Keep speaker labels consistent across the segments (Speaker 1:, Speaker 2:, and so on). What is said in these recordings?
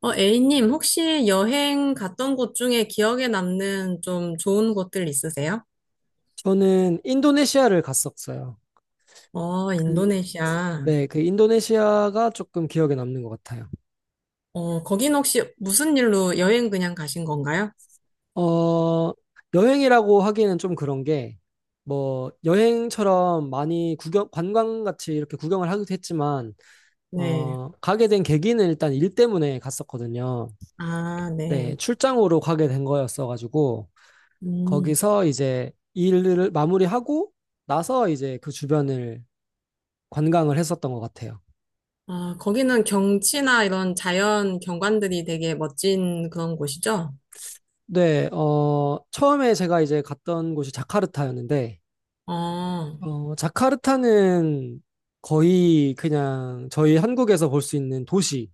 Speaker 1: A님, 혹시 여행 갔던 곳 중에 기억에 남는 좀 좋은 곳들 있으세요?
Speaker 2: 저는 인도네시아를 갔었어요. 그,
Speaker 1: 인도네시아.
Speaker 2: 네, 그 인도네시아가 조금 기억에 남는 것 같아요.
Speaker 1: 거긴 혹시 무슨 일로 여행 그냥 가신 건가요?
Speaker 2: 어, 여행이라고 하기에는 좀 그런 게, 뭐, 여행처럼 많이 구경, 관광같이 이렇게 구경을 하기도 했지만,
Speaker 1: 네.
Speaker 2: 가게 된 계기는 일단 일 때문에 갔었거든요.
Speaker 1: 아,
Speaker 2: 네,
Speaker 1: 네.
Speaker 2: 출장으로 가게 된 거였어가지고,
Speaker 1: 음.
Speaker 2: 거기서 이제 일을 마무리하고 나서 이제 그 주변을 관광을 했었던 것 같아요.
Speaker 1: 아, 거기는 경치나 이런 자연 경관들이 되게 멋진 그런 곳이죠?
Speaker 2: 네, 처음에 제가 이제 갔던 곳이 자카르타였는데,
Speaker 1: 어,
Speaker 2: 자카르타는 거의 그냥 저희 한국에서 볼 수 있는 도시,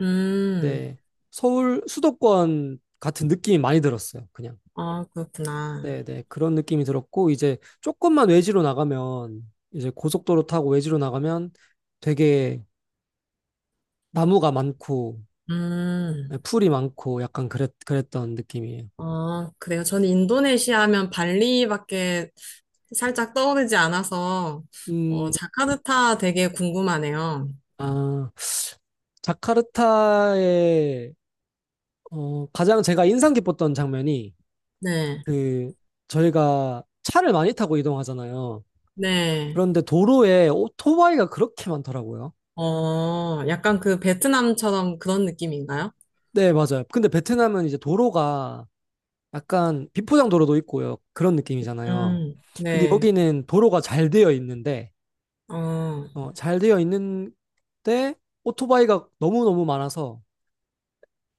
Speaker 1: 음.
Speaker 2: 네, 서울 수도권 같은 느낌이 많이 들었어요, 그냥.
Speaker 1: 아, 그렇구나.
Speaker 2: 네, 네, 그런 느낌이 들었고, 이제 조금만 외지로 나가면, 이제 고속도로 타고 외지로 나가면 되게 나무가 많고, 네,
Speaker 1: 음.
Speaker 2: 풀이 많고, 약간 그랬던 느낌이에요.
Speaker 1: 그래요. 저는 인도네시아 하면 발리밖에 살짝 떠오르지 않아서,
Speaker 2: 음,
Speaker 1: 자카르타 되게 궁금하네요.
Speaker 2: 아, 자카르타의 가장 제가 인상 깊었던 장면이
Speaker 1: 네,
Speaker 2: 그 저희가 차를 많이 타고 이동하잖아요.
Speaker 1: 네.
Speaker 2: 그런데 도로에 오토바이가 그렇게 많더라고요.
Speaker 1: 약간 그 베트남처럼 그런 느낌인가요?
Speaker 2: 네, 맞아요. 근데 베트남은 이제 도로가 약간 비포장 도로도 있고요. 그런 느낌이잖아요. 근데
Speaker 1: 네.
Speaker 2: 여기는 도로가 잘 되어 있는데
Speaker 1: 어,
Speaker 2: 어, 잘 되어 있는데 오토바이가 너무너무 많아서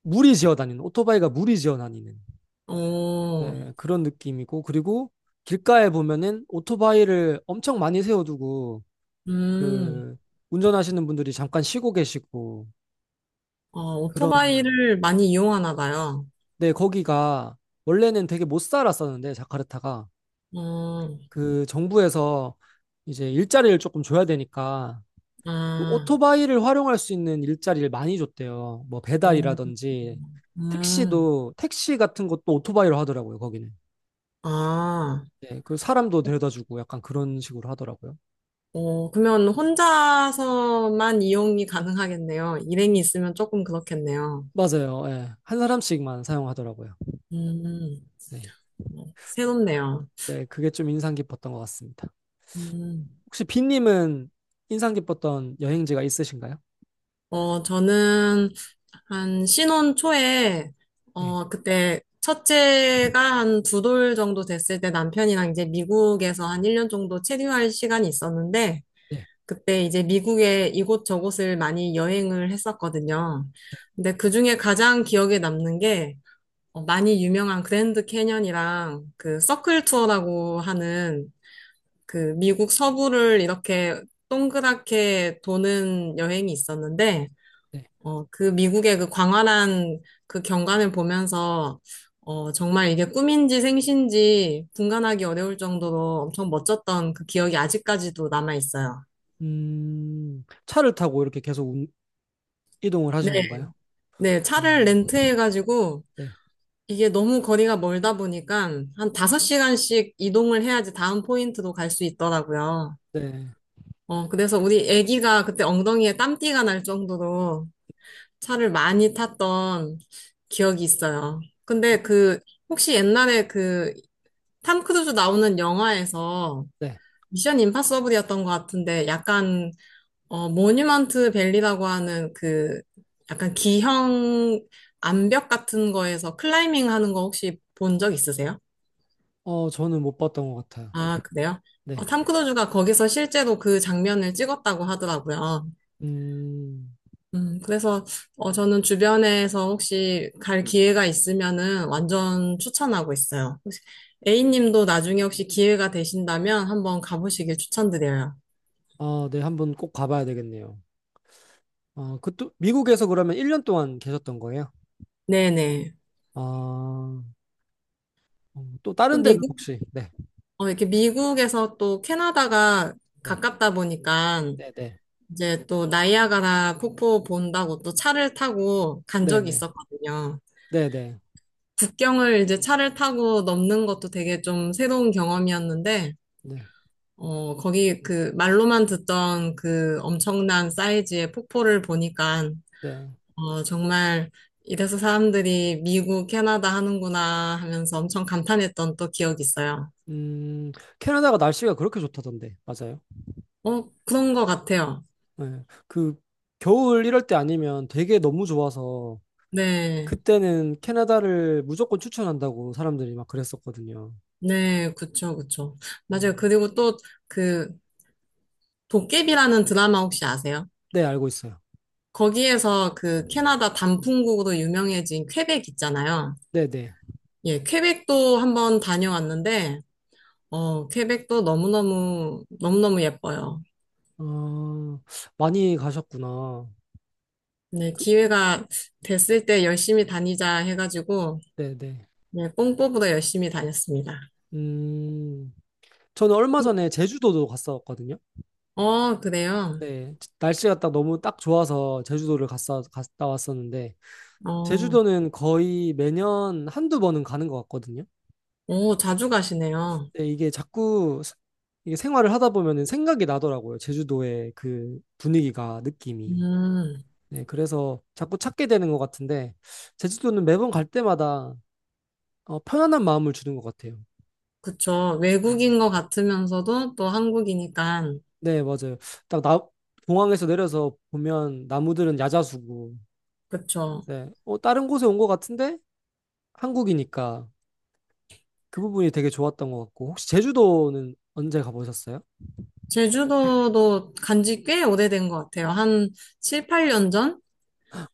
Speaker 2: 무리 지어 다니는 오토바이가 무리 지어 다니는
Speaker 1: 어,
Speaker 2: 네, 그런 느낌이고 그리고 길가에 보면은 오토바이를 엄청 많이 세워두고
Speaker 1: 음,
Speaker 2: 그 운전하시는 분들이 잠깐 쉬고 계시고
Speaker 1: 어,
Speaker 2: 그런
Speaker 1: 오토바이를 많이 이용하나 봐요.
Speaker 2: 네, 거기가 원래는 되게 못 살았었는데 자카르타가
Speaker 1: 어,
Speaker 2: 그 정부에서 이제 일자리를 조금 줘야 되니까 그
Speaker 1: 아,
Speaker 2: 오토바이를 활용할 수 있는 일자리를 많이 줬대요. 뭐
Speaker 1: 어,
Speaker 2: 배달이라든지
Speaker 1: 음,
Speaker 2: 택시 같은 것도 오토바이로 하더라고요. 거기는.
Speaker 1: 아.
Speaker 2: 네, 그 사람도 데려다 주고 약간 그런 식으로 하더라고요.
Speaker 1: 그러면 혼자서만 이용이 가능하겠네요. 일행이 있으면 조금 그렇겠네요.
Speaker 2: 맞아요. 예. 한 사람씩만 사용하더라고요.
Speaker 1: 음,
Speaker 2: 네.
Speaker 1: 어, 새롭네요.
Speaker 2: 네, 그게 좀 인상 깊었던 것 같습니다.
Speaker 1: 음.
Speaker 2: 혹시 빈님은 인상 깊었던 여행지가 있으신가요?
Speaker 1: 저는 한 신혼 초에,
Speaker 2: 네,
Speaker 1: 그때 첫째가 한 두 돌 정도 됐을 때 남편이랑 이제 미국에서 한 1년 정도 체류할 시간이 있었는데,
Speaker 2: 네,
Speaker 1: 그때 이제 미국의 이곳저곳을 많이 여행을 했었거든요. 근데 그중에 가장 기억에 남는 게, 많이 유명한 그랜드 캐년이랑 그 서클 투어라고 하는 그 미국 서부를 이렇게 동그랗게 도는 여행이 있었는데,
Speaker 2: 네.
Speaker 1: 그 미국의 그 광활한 그 경관을 보면서, 정말 이게 꿈인지 생신지 분간하기 어려울 정도로 엄청 멋졌던 그 기억이 아직까지도 남아 있어요.
Speaker 2: 차를 타고 이렇게 계속 이동을
Speaker 1: 네,
Speaker 2: 하신 건가요?
Speaker 1: 네, 차를
Speaker 2: 음,
Speaker 1: 렌트해가지고,
Speaker 2: 네,
Speaker 1: 이게 너무 거리가 멀다 보니까 한 5시간씩 이동을 해야지 다음 포인트도 갈 수 있더라고요.
Speaker 2: 네,
Speaker 1: 그래서 우리 애기가 그때 엉덩이에 땀띠가 날 정도로 차를 많이 탔던 기억이 있어요. 근데 그, 혹시 옛날에 그, 탐 크루즈 나오는 영화에서
Speaker 2: 네.
Speaker 1: 미션 임파서블이었던 것 같은데 약간, 모뉴먼트 밸리라고 하는 그, 약간 기형 암벽 같은 거에서 클라이밍 하는 거 혹시 본 적 있으세요?
Speaker 2: 저는 못 봤던 것 같아요.
Speaker 1: 아, 그래요?
Speaker 2: 네.
Speaker 1: 탐 크루즈가 거기서 실제로 그 장면을 찍었다고 하더라고요.
Speaker 2: 음,
Speaker 1: 그래서 저는 주변에서 혹시 갈 기회가 있으면은 완전 추천하고 있어요. 혹시 A님도 나중에 혹시 기회가 되신다면 한번 가보시길 추천드려요.
Speaker 2: 아, 네, 한번 꼭 가봐야 되겠네요. 아, 또, 미국에서 그러면 1년 동안 계셨던 거예요?
Speaker 1: 네네.
Speaker 2: 아, 또
Speaker 1: 또
Speaker 2: 다른 데는
Speaker 1: 미국,
Speaker 2: 혹시? 네,
Speaker 1: 이렇게 미국에서 또 캐나다가
Speaker 2: 네,
Speaker 1: 가깝다 보니까
Speaker 2: 네, 네,
Speaker 1: 이제 또 나이아가라 폭포 본다고 또 차를 타고 간
Speaker 2: 네,
Speaker 1: 적이
Speaker 2: 네,
Speaker 1: 있었거든요.
Speaker 2: 네, 네,
Speaker 1: 국경을 이제 차를 타고 넘는 것도 되게 좀 새로운 경험이었는데
Speaker 2: 네,
Speaker 1: 거기 그 말로만 듣던 그 엄청난 사이즈의 폭포를 보니까,
Speaker 2: 네.
Speaker 1: 정말 이래서 사람들이 미국, 캐나다 하는구나 하면서 엄청 감탄했던 또 기억이 있어요.
Speaker 2: 음, 캐나다가 날씨가 그렇게 좋다던데, 맞아요?
Speaker 1: 그런 것 같아요.
Speaker 2: 네. 그 겨울 이럴 때 아니면 되게 너무 좋아서
Speaker 1: 네.
Speaker 2: 그때는 캐나다를 무조건 추천한다고 사람들이 막 그랬었거든요.
Speaker 1: 네, 그쵸, 그쵸. 맞아요.
Speaker 2: 음.
Speaker 1: 그리고 또 그 도깨비라는 드라마 혹시 아세요?
Speaker 2: 네, 알고 있어요.
Speaker 1: 거기에서 그 캐나다 단풍국으로 유명해진 퀘벡 있잖아요.
Speaker 2: 네, 네.
Speaker 1: 예, 퀘벡도 한번 다녀왔는데, 퀘벡도 너무너무, 너무너무 예뻐요.
Speaker 2: 어, 많이 가셨구나.
Speaker 1: 네, 기회가 됐을 때 열심히 다니자 해가지고,
Speaker 2: 네, 네.
Speaker 1: 네, 뽕뽀보다 열심히 다녔습니다.
Speaker 2: 음, 저는 얼마 전에 제주도도 갔었거든요.
Speaker 1: 어, 그래요?
Speaker 2: 네, 날씨가 딱 너무 딱 좋아서 제주도를 갔다 왔었는데
Speaker 1: 어,
Speaker 2: 제주도는 거의 매년 한두 번은 가는 것 같거든요.
Speaker 1: 오, 자주 가시네요.
Speaker 2: 네, 이게 생활을 하다 보면은 생각이 나더라고요. 제주도의 그 분위기가, 느낌이.
Speaker 1: 음,
Speaker 2: 네, 그래서 자꾸 찾게 되는 것 같은데, 제주도는 매번 갈 때마다 편안한 마음을 주는 것 같아요.
Speaker 1: 그쵸.
Speaker 2: 네,
Speaker 1: 외국인 것 같으면서도 또 한국이니까,
Speaker 2: 네, 맞아요. 딱 공항에서 내려서 보면 나무들은 야자수고,
Speaker 1: 그쵸.
Speaker 2: 네, 다른 곳에 온 것 같은데 한국이니까 그 부분이 되게 좋았던 것 같고, 혹시 제주도는 언제 가보셨어요?
Speaker 1: 제주도도 간지 꽤 오래된 것 같아요. 한 7, 8년 전?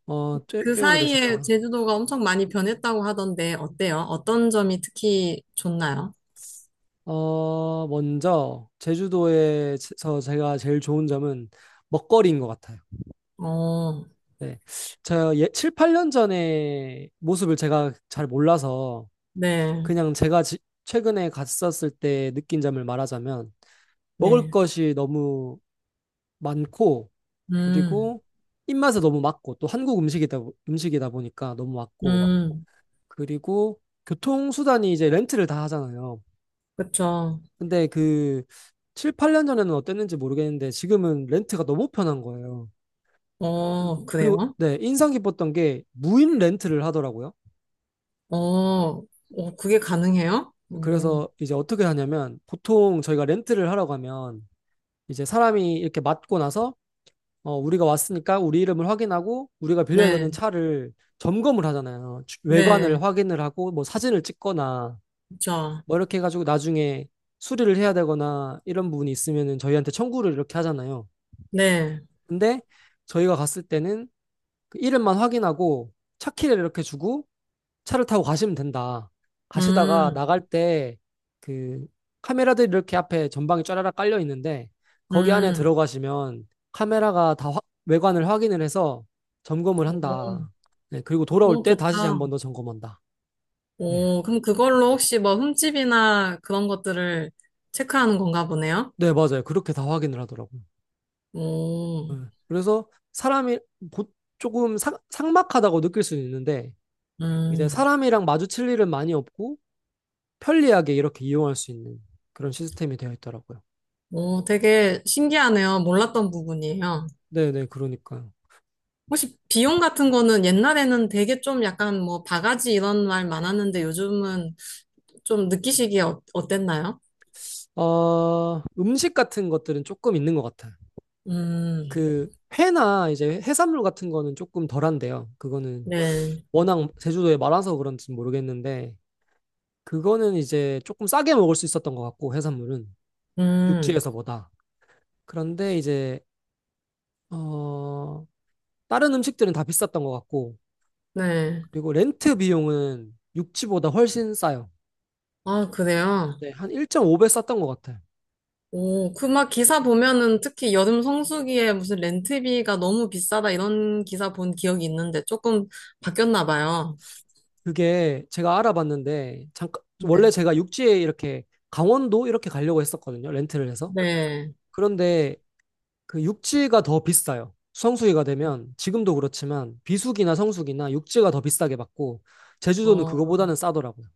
Speaker 2: 꽤,
Speaker 1: 그
Speaker 2: 꽤
Speaker 1: 사이에
Speaker 2: 오래되셨구나.
Speaker 1: 제주도가 엄청 많이 변했다고 하던데, 어때요? 어떤 점이 특히 좋나요?
Speaker 2: 먼저 제주도에서 제가 제일 좋은 점은 먹거리인 것 같아요.
Speaker 1: 어,
Speaker 2: 네. 저 예, 7, 8년 전에 모습을 제가 잘 몰라서
Speaker 1: 네,
Speaker 2: 그냥 제가 최근에 갔었을 때 느낀 점을 말하자면 먹을
Speaker 1: 네,
Speaker 2: 것이 너무 많고
Speaker 1: 음,
Speaker 2: 그리고 입맛에 너무 맞고 또 한국 음식이다 보니까 너무 맞고
Speaker 1: 음,
Speaker 2: 그리고 교통수단이 이제 렌트를 다 하잖아요.
Speaker 1: 그쵸.
Speaker 2: 근데 그 7, 8년 전에는 어땠는지 모르겠는데 지금은 렌트가 너무 편한 거예요.
Speaker 1: 어,
Speaker 2: 그리고
Speaker 1: 그래요?
Speaker 2: 네, 인상 깊었던 게 무인 렌트를 하더라고요.
Speaker 1: 어, 어, 그게 가능해요? 어,
Speaker 2: 그래서 이제 어떻게 하냐면 보통 저희가 렌트를 하러 가면 이제 사람이 이렇게 맞고 나서 우리가 왔으니까 우리 이름을 확인하고 우리가 빌려야 되는
Speaker 1: 네,
Speaker 2: 차를 점검을 하잖아요.
Speaker 1: 네,
Speaker 2: 외관을 확인을 하고 뭐 사진을 찍거나
Speaker 1: 그쵸.
Speaker 2: 뭐 이렇게 해가지고 나중에 수리를 해야 되거나 이런 부분이 있으면은 저희한테 청구를 이렇게 하잖아요.
Speaker 1: 네,
Speaker 2: 근데 저희가 갔을 때는 그 이름만 확인하고 차키를 이렇게 주고 차를 타고 가시면 된다. 가시다가
Speaker 1: 음,
Speaker 2: 나갈 때 그 카메라들이 이렇게 앞에 전방에 쫘라락 깔려 있는데 거기 안에
Speaker 1: 음,
Speaker 2: 들어가시면 카메라가 다 외관을 확인을 해서 점검을 한다. 네, 그리고 돌아올
Speaker 1: 어,
Speaker 2: 때 다시 한
Speaker 1: 좋다.
Speaker 2: 번 더 점검한다. 네.
Speaker 1: 그럼 그걸로 혹시 뭐 흠집이나 그런 것들을 체크하는 건가 보네요?
Speaker 2: 네, 맞아요. 그렇게 다 확인을 하더라고요.
Speaker 1: 오,
Speaker 2: 네. 그래서 사람이 보- 조금 삭막하다고 느낄 수는 있는데 이제
Speaker 1: 음,
Speaker 2: 사람이랑 마주칠 일은 많이 없고 편리하게 이렇게 이용할 수 있는 그런 시스템이 되어 있더라고요.
Speaker 1: 오, 되게 신기하네요. 몰랐던 부분이에요.
Speaker 2: 네네, 그러니까.
Speaker 1: 혹시 비용 같은 거는 옛날에는 되게 좀 약간 뭐 바가지 이런 말 많았는데 요즘은 좀 느끼시기에 어, 어땠나요?
Speaker 2: 음식 같은 것들은 조금 있는 것 같아요.
Speaker 1: 음,
Speaker 2: 그 회나 이제 해산물 같은 거는 조금 덜한데요. 그거는
Speaker 1: 네.
Speaker 2: 워낙 제주도에 많아서 그런지 모르겠는데, 그거는 이제 조금 싸게 먹을 수 있었던 것 같고, 해산물은
Speaker 1: 음,
Speaker 2: 육지에서보다. 그런데 이제, 어, 다른 음식들은 다 비쌌던 것 같고,
Speaker 1: 네.
Speaker 2: 그리고 렌트 비용은 육지보다 훨씬 싸요.
Speaker 1: 아, 그래요?
Speaker 2: 네, 한 1.5배 쌌던 것 같아요.
Speaker 1: 오, 그 막 기사 보면은 특히 여름 성수기에 무슨 렌트비가 너무 비싸다 이런 기사 본 기억이 있는데 조금 바뀌었나 봐요.
Speaker 2: 그게 제가 알아봤는데 잠깐 원래
Speaker 1: 네.
Speaker 2: 제가 육지에 이렇게 강원도 이렇게 가려고 했었거든요. 렌트를 해서.
Speaker 1: 네.
Speaker 2: 그런데 그 육지가 더 비싸요. 성수기가 되면 지금도 그렇지만 비수기나 성수기나 육지가 더 비싸게 받고 제주도는
Speaker 1: 어,
Speaker 2: 그거보다는 싸더라고요.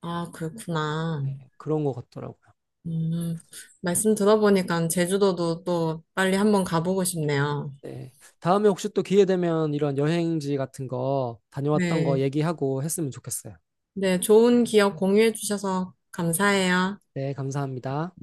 Speaker 1: 아, 그렇구나.
Speaker 2: 그런 것 같더라고요.
Speaker 1: 음, 말씀 들어보니까 제주도도 또 빨리 한번 가보고 싶네요.
Speaker 2: 네. 네. 다음에 혹시 또 기회 되면 이런 여행지 같은 거 다녀왔던 거
Speaker 1: 네.
Speaker 2: 얘기하고 했으면 좋겠어요.
Speaker 1: 네, 좋은 기억 공유해 주셔서 감사해요.
Speaker 2: 네, 감사합니다.